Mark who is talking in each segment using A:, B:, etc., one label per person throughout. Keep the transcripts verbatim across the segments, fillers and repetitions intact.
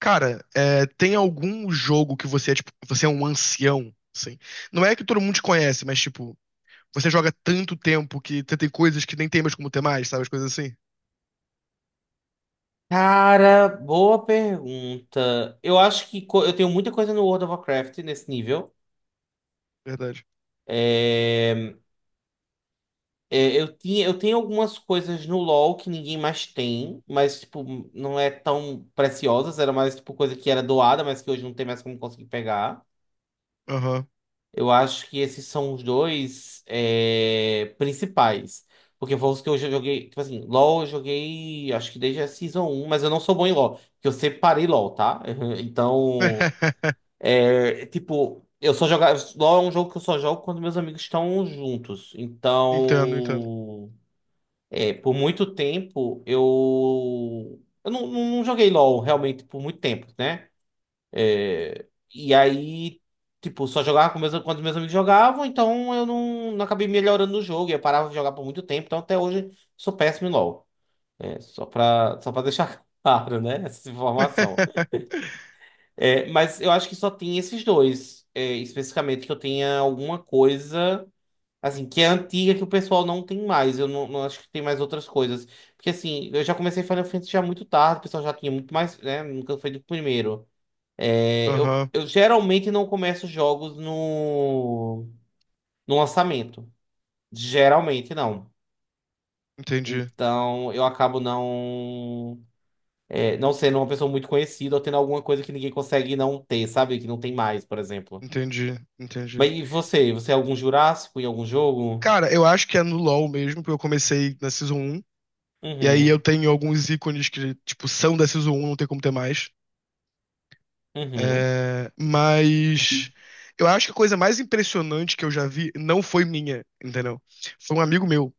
A: Cara, é, tem algum jogo que você é, tipo, você é um ancião, assim? Não é que todo mundo te conhece, mas, tipo, você joga tanto tempo que você tem coisas que nem tem mais como ter mais, sabe? As coisas assim.
B: Cara, boa pergunta. Eu acho que co- eu tenho muita coisa no World of Warcraft nesse nível.
A: Verdade.
B: É, é, eu tinha, eu tenho algumas coisas no LoL que ninguém mais tem, mas tipo, não é tão preciosas, era mais tipo coisa que era doada, mas que hoje não tem mais como conseguir pegar.
A: Aham.
B: Eu acho que esses são os dois é, principais. Porque foi os que eu já joguei, tipo assim, LoL eu joguei, acho que desde a Season um, mas eu não sou bom em LoL, porque eu separei LoL, tá? Então. É, tipo, eu só jogava. LoL é um jogo que eu só jogo quando meus amigos estão juntos.
A: Entendo, entendo.
B: Então, é, por muito tempo eu. Eu não, não- não joguei LoL realmente por muito tempo, né? É, e aí, tipo, só jogava com meus, quando meus amigos jogavam, então eu não, não acabei melhorando no jogo. e Eu parava de jogar por muito tempo, então até hoje sou péssimo em LoL. É, só pra, só pra deixar claro, né? Essa informação. É, mas eu acho que só tem esses dois, é, especificamente, que eu tenha alguma coisa, assim, que é antiga, que o pessoal não tem mais. Eu não, não acho que tem mais outras coisas. Porque, assim, eu já comecei Final Fantasy já muito tarde, o pessoal já tinha muito mais, né? Nunca foi do primeiro. É, eu,
A: Aham.
B: eu geralmente não começo jogos no, no lançamento. Geralmente não.
A: Entendi.
B: Então, eu acabo não, é, não sendo uma pessoa muito conhecida ou tendo alguma coisa que ninguém consegue não ter, sabe? Que não tem mais, por exemplo.
A: Entendi. Entendi.
B: Mas e você? Você é algum Jurássico em algum jogo?
A: Cara, eu acho que é no LoL mesmo, porque eu comecei na Season um. E aí eu
B: Uhum.
A: tenho alguns ícones que, tipo, são da Season um, não tem como ter mais.
B: Uhum.
A: É, mas eu acho que a coisa mais impressionante que eu já vi não foi minha, entendeu? Foi um amigo meu.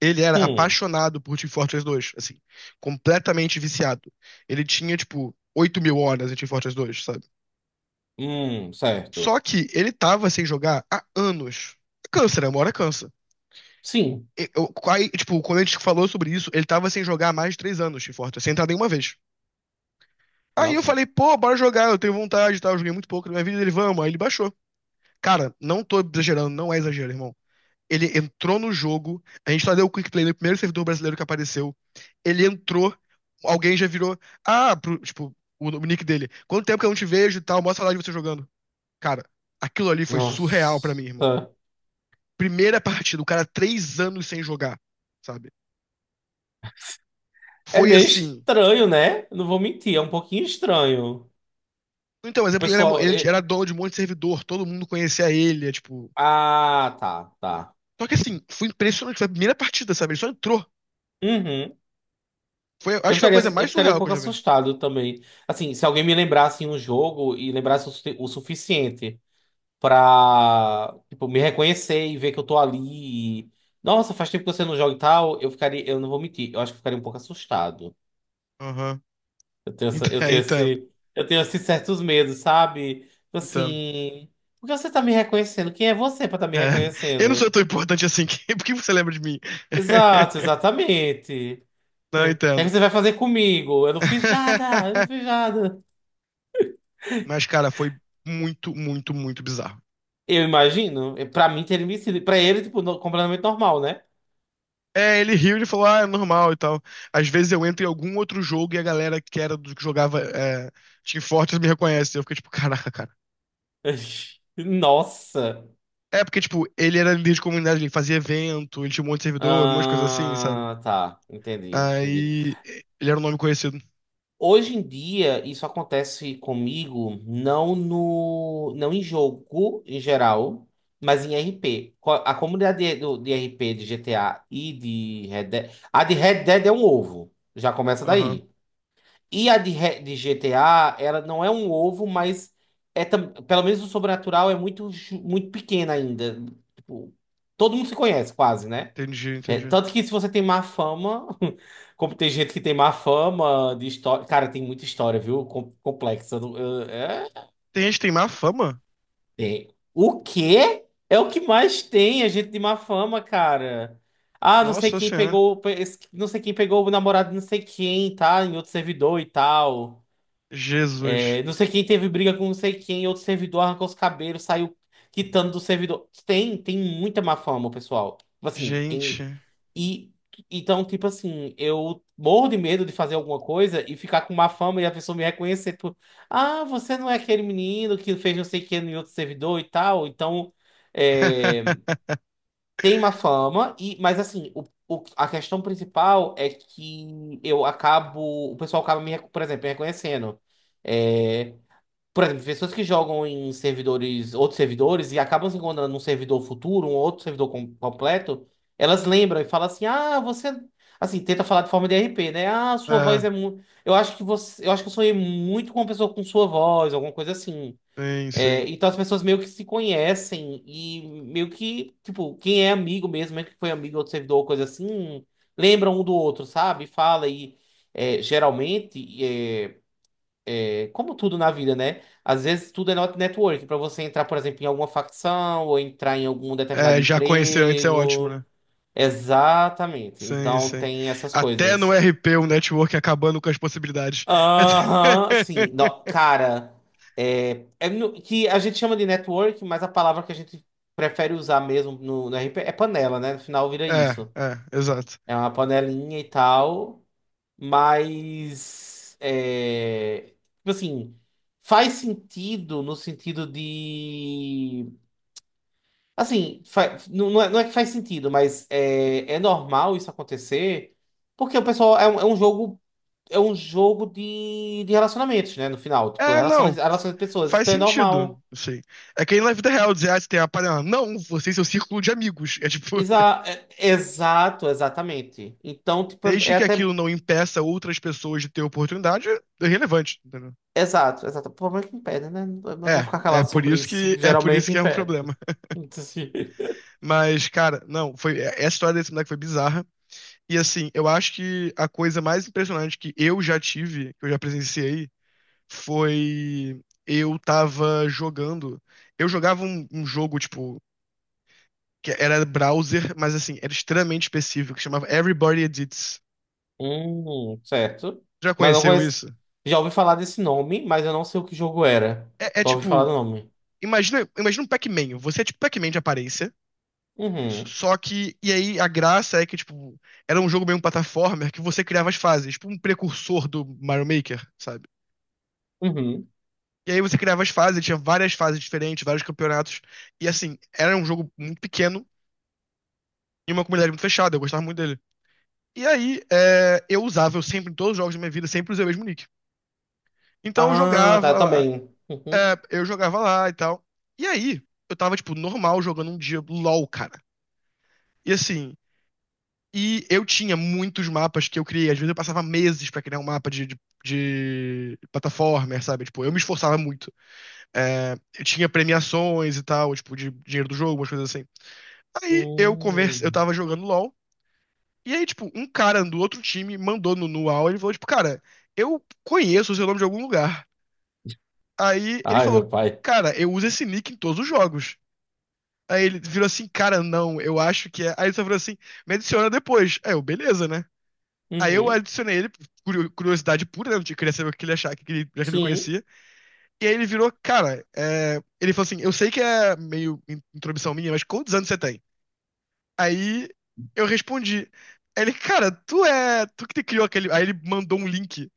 A: Ele era
B: Hum.
A: apaixonado por Team Fortress dois, assim, completamente viciado. Ele tinha, tipo, oito mil horas em Team Fortress dois, sabe?
B: Hum, certo.
A: Só que ele tava sem jogar há anos. Câncer, né? Uma hora cansa.
B: Sim.
A: E- Eu, aí, tipo, quando a gente falou sobre isso, ele tava sem jogar há mais de três anos Team Fortress, sem entrar nenhuma vez. Aí eu
B: Nossa.
A: falei, pô, bora jogar, eu tenho vontade e tal, eu joguei muito pouco na minha vida, ele, vamos, aí ele baixou. Cara, não tô exagerando, não é exagero, irmão. Ele entrou no jogo, a gente só deu o quick play no primeiro servidor brasileiro que apareceu. Ele entrou, alguém já virou. Ah, pro- tipo, o, o nick dele. Quanto tempo que eu não te vejo e tal, mostra lá de você jogando. Cara, aquilo ali foi surreal pra mim, irmão.
B: Nossa.
A: Primeira partida, o cara três anos sem jogar, sabe?
B: É
A: Foi
B: meio
A: assim.
B: estranho, né? Não vou mentir, é um pouquinho estranho.
A: Então, mas é porque ele era, mo-
B: Pessoal,
A: ele
B: eu-
A: era dono de um monte de servidor, todo mundo conhecia ele, é tipo.
B: ah, tá, tá.
A: Só que assim, foi impressionante, foi a primeira partida, sabe? Ele só entrou.
B: Uhum.
A: Foi,
B: Eu
A: acho que foi a
B: ficaria,
A: coisa
B: eu
A: mais
B: ficaria um
A: surreal que eu
B: pouco
A: já vi.
B: assustado também. Assim, se alguém me lembrasse um jogo e lembrasse o, su- o suficiente. Pra, tipo, me reconhecer e ver que eu tô ali. E, Nossa, faz tempo que você não joga e tal. Eu ficaria, eu não vou mentir, eu acho que eu ficaria um pouco assustado. Eu tenho essa,
A: Ent-
B: eu tenho
A: Entendo,
B: esse, eu tenho esses certos medos, sabe? Tipo
A: entendo.
B: assim, por que você tá me reconhecendo? Quem é você pra tá me
A: É. Eu não
B: reconhecendo?
A: sou tão importante assim, que- por que você lembra de mim?
B: Exato, exatamente.
A: Não
B: É. O que é que
A: entendo.
B: você vai fazer comigo? Eu não fiz nada, eu não fiz nada.
A: Mas, cara, foi muito, muito, muito bizarro.
B: Eu imagino, pra mim teria me sido, pra ele, tipo, no- completamente normal, né?
A: É, ele riu, ele falou, ah, é normal e tal. Às vezes eu entro em algum outro jogo e a galera que era do que jogava é, Team Fortress me reconhece. Eu fiquei tipo, caraca, cara.
B: Nossa.
A: É porque, tipo, ele era líder de comunidade, ele fazia evento, ele tinha um monte de servidor, um monte de coisa assim, sabe?
B: Ah, tá, entendi, entendi.
A: Aí ele era um nome conhecido.
B: Hoje em dia, isso acontece comigo não no, não em jogo em geral, mas em R P. Co- A comunidade de, do- de R P de G T A e de Red Dead, a de Red Dead é um ovo, já começa
A: Aham,
B: daí. E a de, Re- de G T A, ela não é um ovo, mas é tam- pelo menos o sobrenatural é muito, ju- muito pequeno ainda. Tipo, todo mundo se conhece quase, né?
A: entendi,
B: É,
A: entendi.
B: tanto que se você tem má fama, como tem gente que tem má fama de história. Cara, tem muita história, viu? Com- complexa. Não- eu- É,
A: Tem gente que tem má fama?
B: tem. O quê? É o que mais tem, a gente de má fama, cara. Ah, não sei
A: Nossa
B: quem
A: Senhora.
B: pegou, pe- esse- não sei quem pegou o namorado de não sei quem, tá? Em outro servidor e tal.
A: Jesus.
B: É, não sei quem teve briga com não sei quem, outro servidor arrancou os cabelos, saiu quitando do servidor. Tem, tem muita má fama, pessoal. Tipo assim, quem
A: Gente.
B: E então, tipo assim, eu morro de medo de fazer alguma coisa e ficar com má fama e a pessoa me reconhecer, tipo, ah, você não é aquele menino que fez não sei o que em outro servidor e tal. Então, é, tem má fama, e, mas assim, o, o- a questão principal é que eu acabo, o pessoal acaba me, rec- por exemplo, me reconhecendo. Eh, por exemplo, pessoas que jogam em servidores, outros servidores, e acabam se encontrando num servidor futuro, um outro servidor com- completo, elas lembram e falam assim: ah, você. Assim, tenta falar de forma de r p né? Ah, sua voz
A: É,
B: é muito. Eu acho que você. Eu acho que eu sonhei muito com uma pessoa com sua voz, alguma coisa assim.
A: sim,
B: É,
A: sim.
B: então as pessoas meio que se conhecem e meio que, tipo, quem é amigo mesmo, mesmo que foi amigo do outro servidor ou coisa assim, lembra um do outro, sabe? Fala e é, geralmente. é, é, Como tudo na vida, né? Às vezes tudo é not- network. Para você entrar, por exemplo, em alguma facção ou entrar em algum determinado
A: É, já conhecer antes é ótimo,
B: emprego.
A: né?
B: Exatamente.
A: Sim,
B: Então
A: sim.
B: tem essas
A: Até no
B: coisas.
A: R P o network acabando com as possibilidades.
B: Aham, sim. Não, cara, é, é no- que a gente chama de network, mas a palavra que a gente prefere usar mesmo no, no R P é panela, né? No final vira
A: É,
B: isso.
A: é, exato.
B: É uma panelinha e tal. Mas, é, tipo assim, faz sentido no sentido de. Assim, fa- não, não é, não é que faz sentido, mas é, é normal isso acontecer, porque o pessoal é um, é um jogo. É um jogo de, de relacionamentos, né? No final, tipo,
A: É, não,
B: relações,
A: f-
B: relações de pessoas.
A: faz
B: Então é
A: sentido,
B: normal.
A: assim. É que aí na vida real dizer, ah, você tem a panela. Não, você e seu círculo de amigos. É tipo,
B: Exa é- exato, exatamente. Então, tipo, é
A: desde
B: é
A: que
B: até.
A: aquilo não impeça outras pessoas de ter oportunidade, é irrelevante, entendeu?
B: Exato, exato. O problema é que impede, né? Eu vou
A: É,
B: ficar
A: é
B: calado
A: por
B: sobre
A: isso
B: isso.
A: que é por isso
B: Geralmente
A: que é um
B: impede.
A: problema. Mas, cara, não, foi é- essa história desse moleque foi bizarra. E assim, eu acho que a coisa mais impressionante que eu já tive, que eu já presenciei, foi. Eu tava jogando. Eu jogava um, um jogo, tipo, que era browser, mas assim, era extremamente específico, que chamava Everybody Edits.
B: Hum, certo.
A: Já
B: Mas não
A: conheceu
B: conheço.
A: isso?
B: Já ouvi falar desse nome, mas eu não sei o que jogo era.
A: É, é
B: Só ouvi falar
A: tipo.
B: do nome.
A: Imagina, imagina um Pac-Man. Você é tipo Pac-Man de aparência.
B: Uhum.
A: Só que. E aí a graça é que, tipo, era um jogo meio um platformer que você criava as fases, tipo um precursor do Mario Maker, sabe?
B: Uhum.
A: E aí você criava as fases, tinha várias fases diferentes, vários campeonatos. E assim, era um jogo muito pequeno e uma comunidade muito fechada. Eu gostava muito dele. E aí, é, eu usava, eu sempre, em todos os jogos da minha vida, sempre usei o mesmo nick. Então eu
B: Ah, tá, eu
A: jogava lá,
B: também. Uhum.
A: é, eu jogava lá e tal. E aí, eu tava, tipo, normal jogando um dia LOL, cara. E assim, e eu tinha muitos mapas que eu criei. Às vezes eu passava meses pra criar um mapa de, de, de plataforma, sabe? Tipo, eu me esforçava muito. É, eu tinha premiações e tal, tipo, de dinheiro do jogo, umas coisas assim. Aí eu conversa, eu
B: Hum.
A: tava jogando LOL. E aí, tipo, um cara do outro time mandou no Nual, ele falou, tipo, cara, eu conheço o seu nome de algum lugar. Aí ele
B: Ai,
A: falou,
B: meu pai.
A: cara, eu uso esse nick em todos os jogos. Aí ele virou assim, cara, não, eu acho que é. Aí ele só virou assim, me adiciona depois. Aí eu, beleza, né? Aí eu
B: Uhum.
A: adicionei ele, curio- curiosidade pura, né? Eu queria saber o que ele achava, que ele, já que ele me
B: Sim.
A: conhecia. E aí ele virou, cara, é... ele falou assim, eu sei que é meio in- intromissão minha, mas quantos anos você tem? Aí eu respondi. Aí ele, cara, tu é. Tu que criou aquele. Aí ele mandou um link.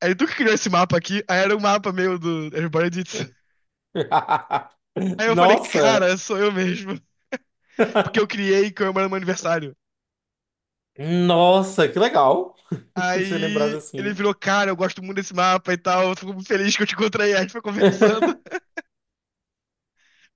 A: Aí ele, tu que criou esse mapa aqui? Aí era um mapa meio do Everybody Did It. Aí eu falei,
B: Nossa.
A: cara, sou eu mesmo. Porque eu criei comemorando meu aniversário.
B: Nossa, que legal. Você lembrar
A: Aí ele
B: assim.
A: virou, cara, eu gosto muito desse mapa e tal. Eu fico muito feliz que eu te encontrei. Aí a gente foi conversando.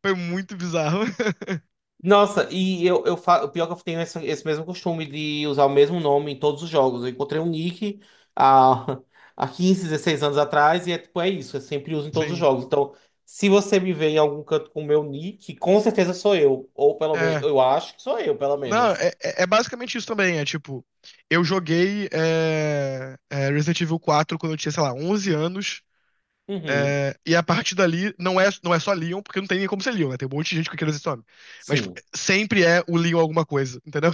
A: Foi muito bizarro.
B: Nossa, e eu, eu fa... o pior que eu tenho essa- esse mesmo costume de usar o mesmo nome em todos os jogos. Eu encontrei um nick há, há quinze, dezesseis anos atrás e é tipo, é isso, eu sempre uso em todos os
A: Sim.
B: jogos. Então, se você me vê em algum canto com o meu nick, com certeza sou eu. Ou pelo menos,
A: É.
B: eu acho que sou eu, pelo
A: Não,
B: menos.
A: é, é é basicamente isso também. É tipo, eu joguei é, é, Resident Evil quatro quando eu tinha, sei lá, onze anos.
B: Uhum,
A: É, e a partir dali, não é, não é só Leon, porque não tem nem como ser Leon, né? Tem um monte de gente com aquele nome. Mas
B: sim.
A: sempre é o Leon alguma coisa, entendeu?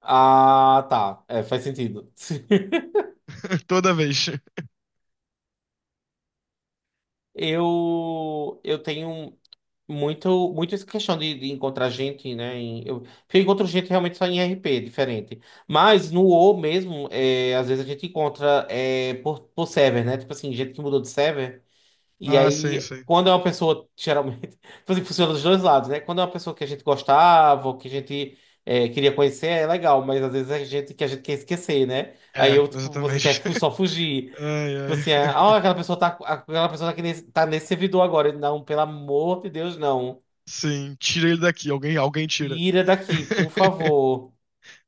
B: Ah, tá. É, faz sentido.
A: Toda vez.
B: Eu, eu tenho. um, Muito, muito essa questão de, de encontrar gente, né? em- eu, porque eu encontro gente realmente só em R P, diferente. Mas no WoW mesmo, é, às vezes a gente encontra é, por, por server, né? Tipo assim, gente que mudou de server. E
A: Ah, sim,
B: aí,
A: sim.
B: quando é uma pessoa, geralmente, tipo assim, funciona dos dois lados, né? Quando é uma pessoa que a gente gostava, ou que a gente é, queria conhecer, é legal. Mas às vezes é gente que a gente quer esquecer, né? Aí
A: É,
B: eu, tipo, você
A: exatamente.
B: quer fu- só fugir.
A: Ai,
B: Tipo
A: ai.
B: assim, é, ah, aquela pessoa tá, aquela pessoa tá, aqui nesse, tá nesse servidor agora. Não, pelo amor de Deus, não.
A: Sim, tira ele daqui. Alguém, alguém tira.
B: Ira daqui, por favor.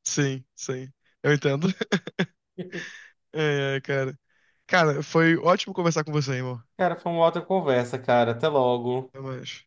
A: Sim, sim. Eu entendo. Ai, ai, cara. Cara, foi ótimo conversar com você, irmão.
B: Cara, foi uma outra conversa, cara. Até logo.
A: Até mais.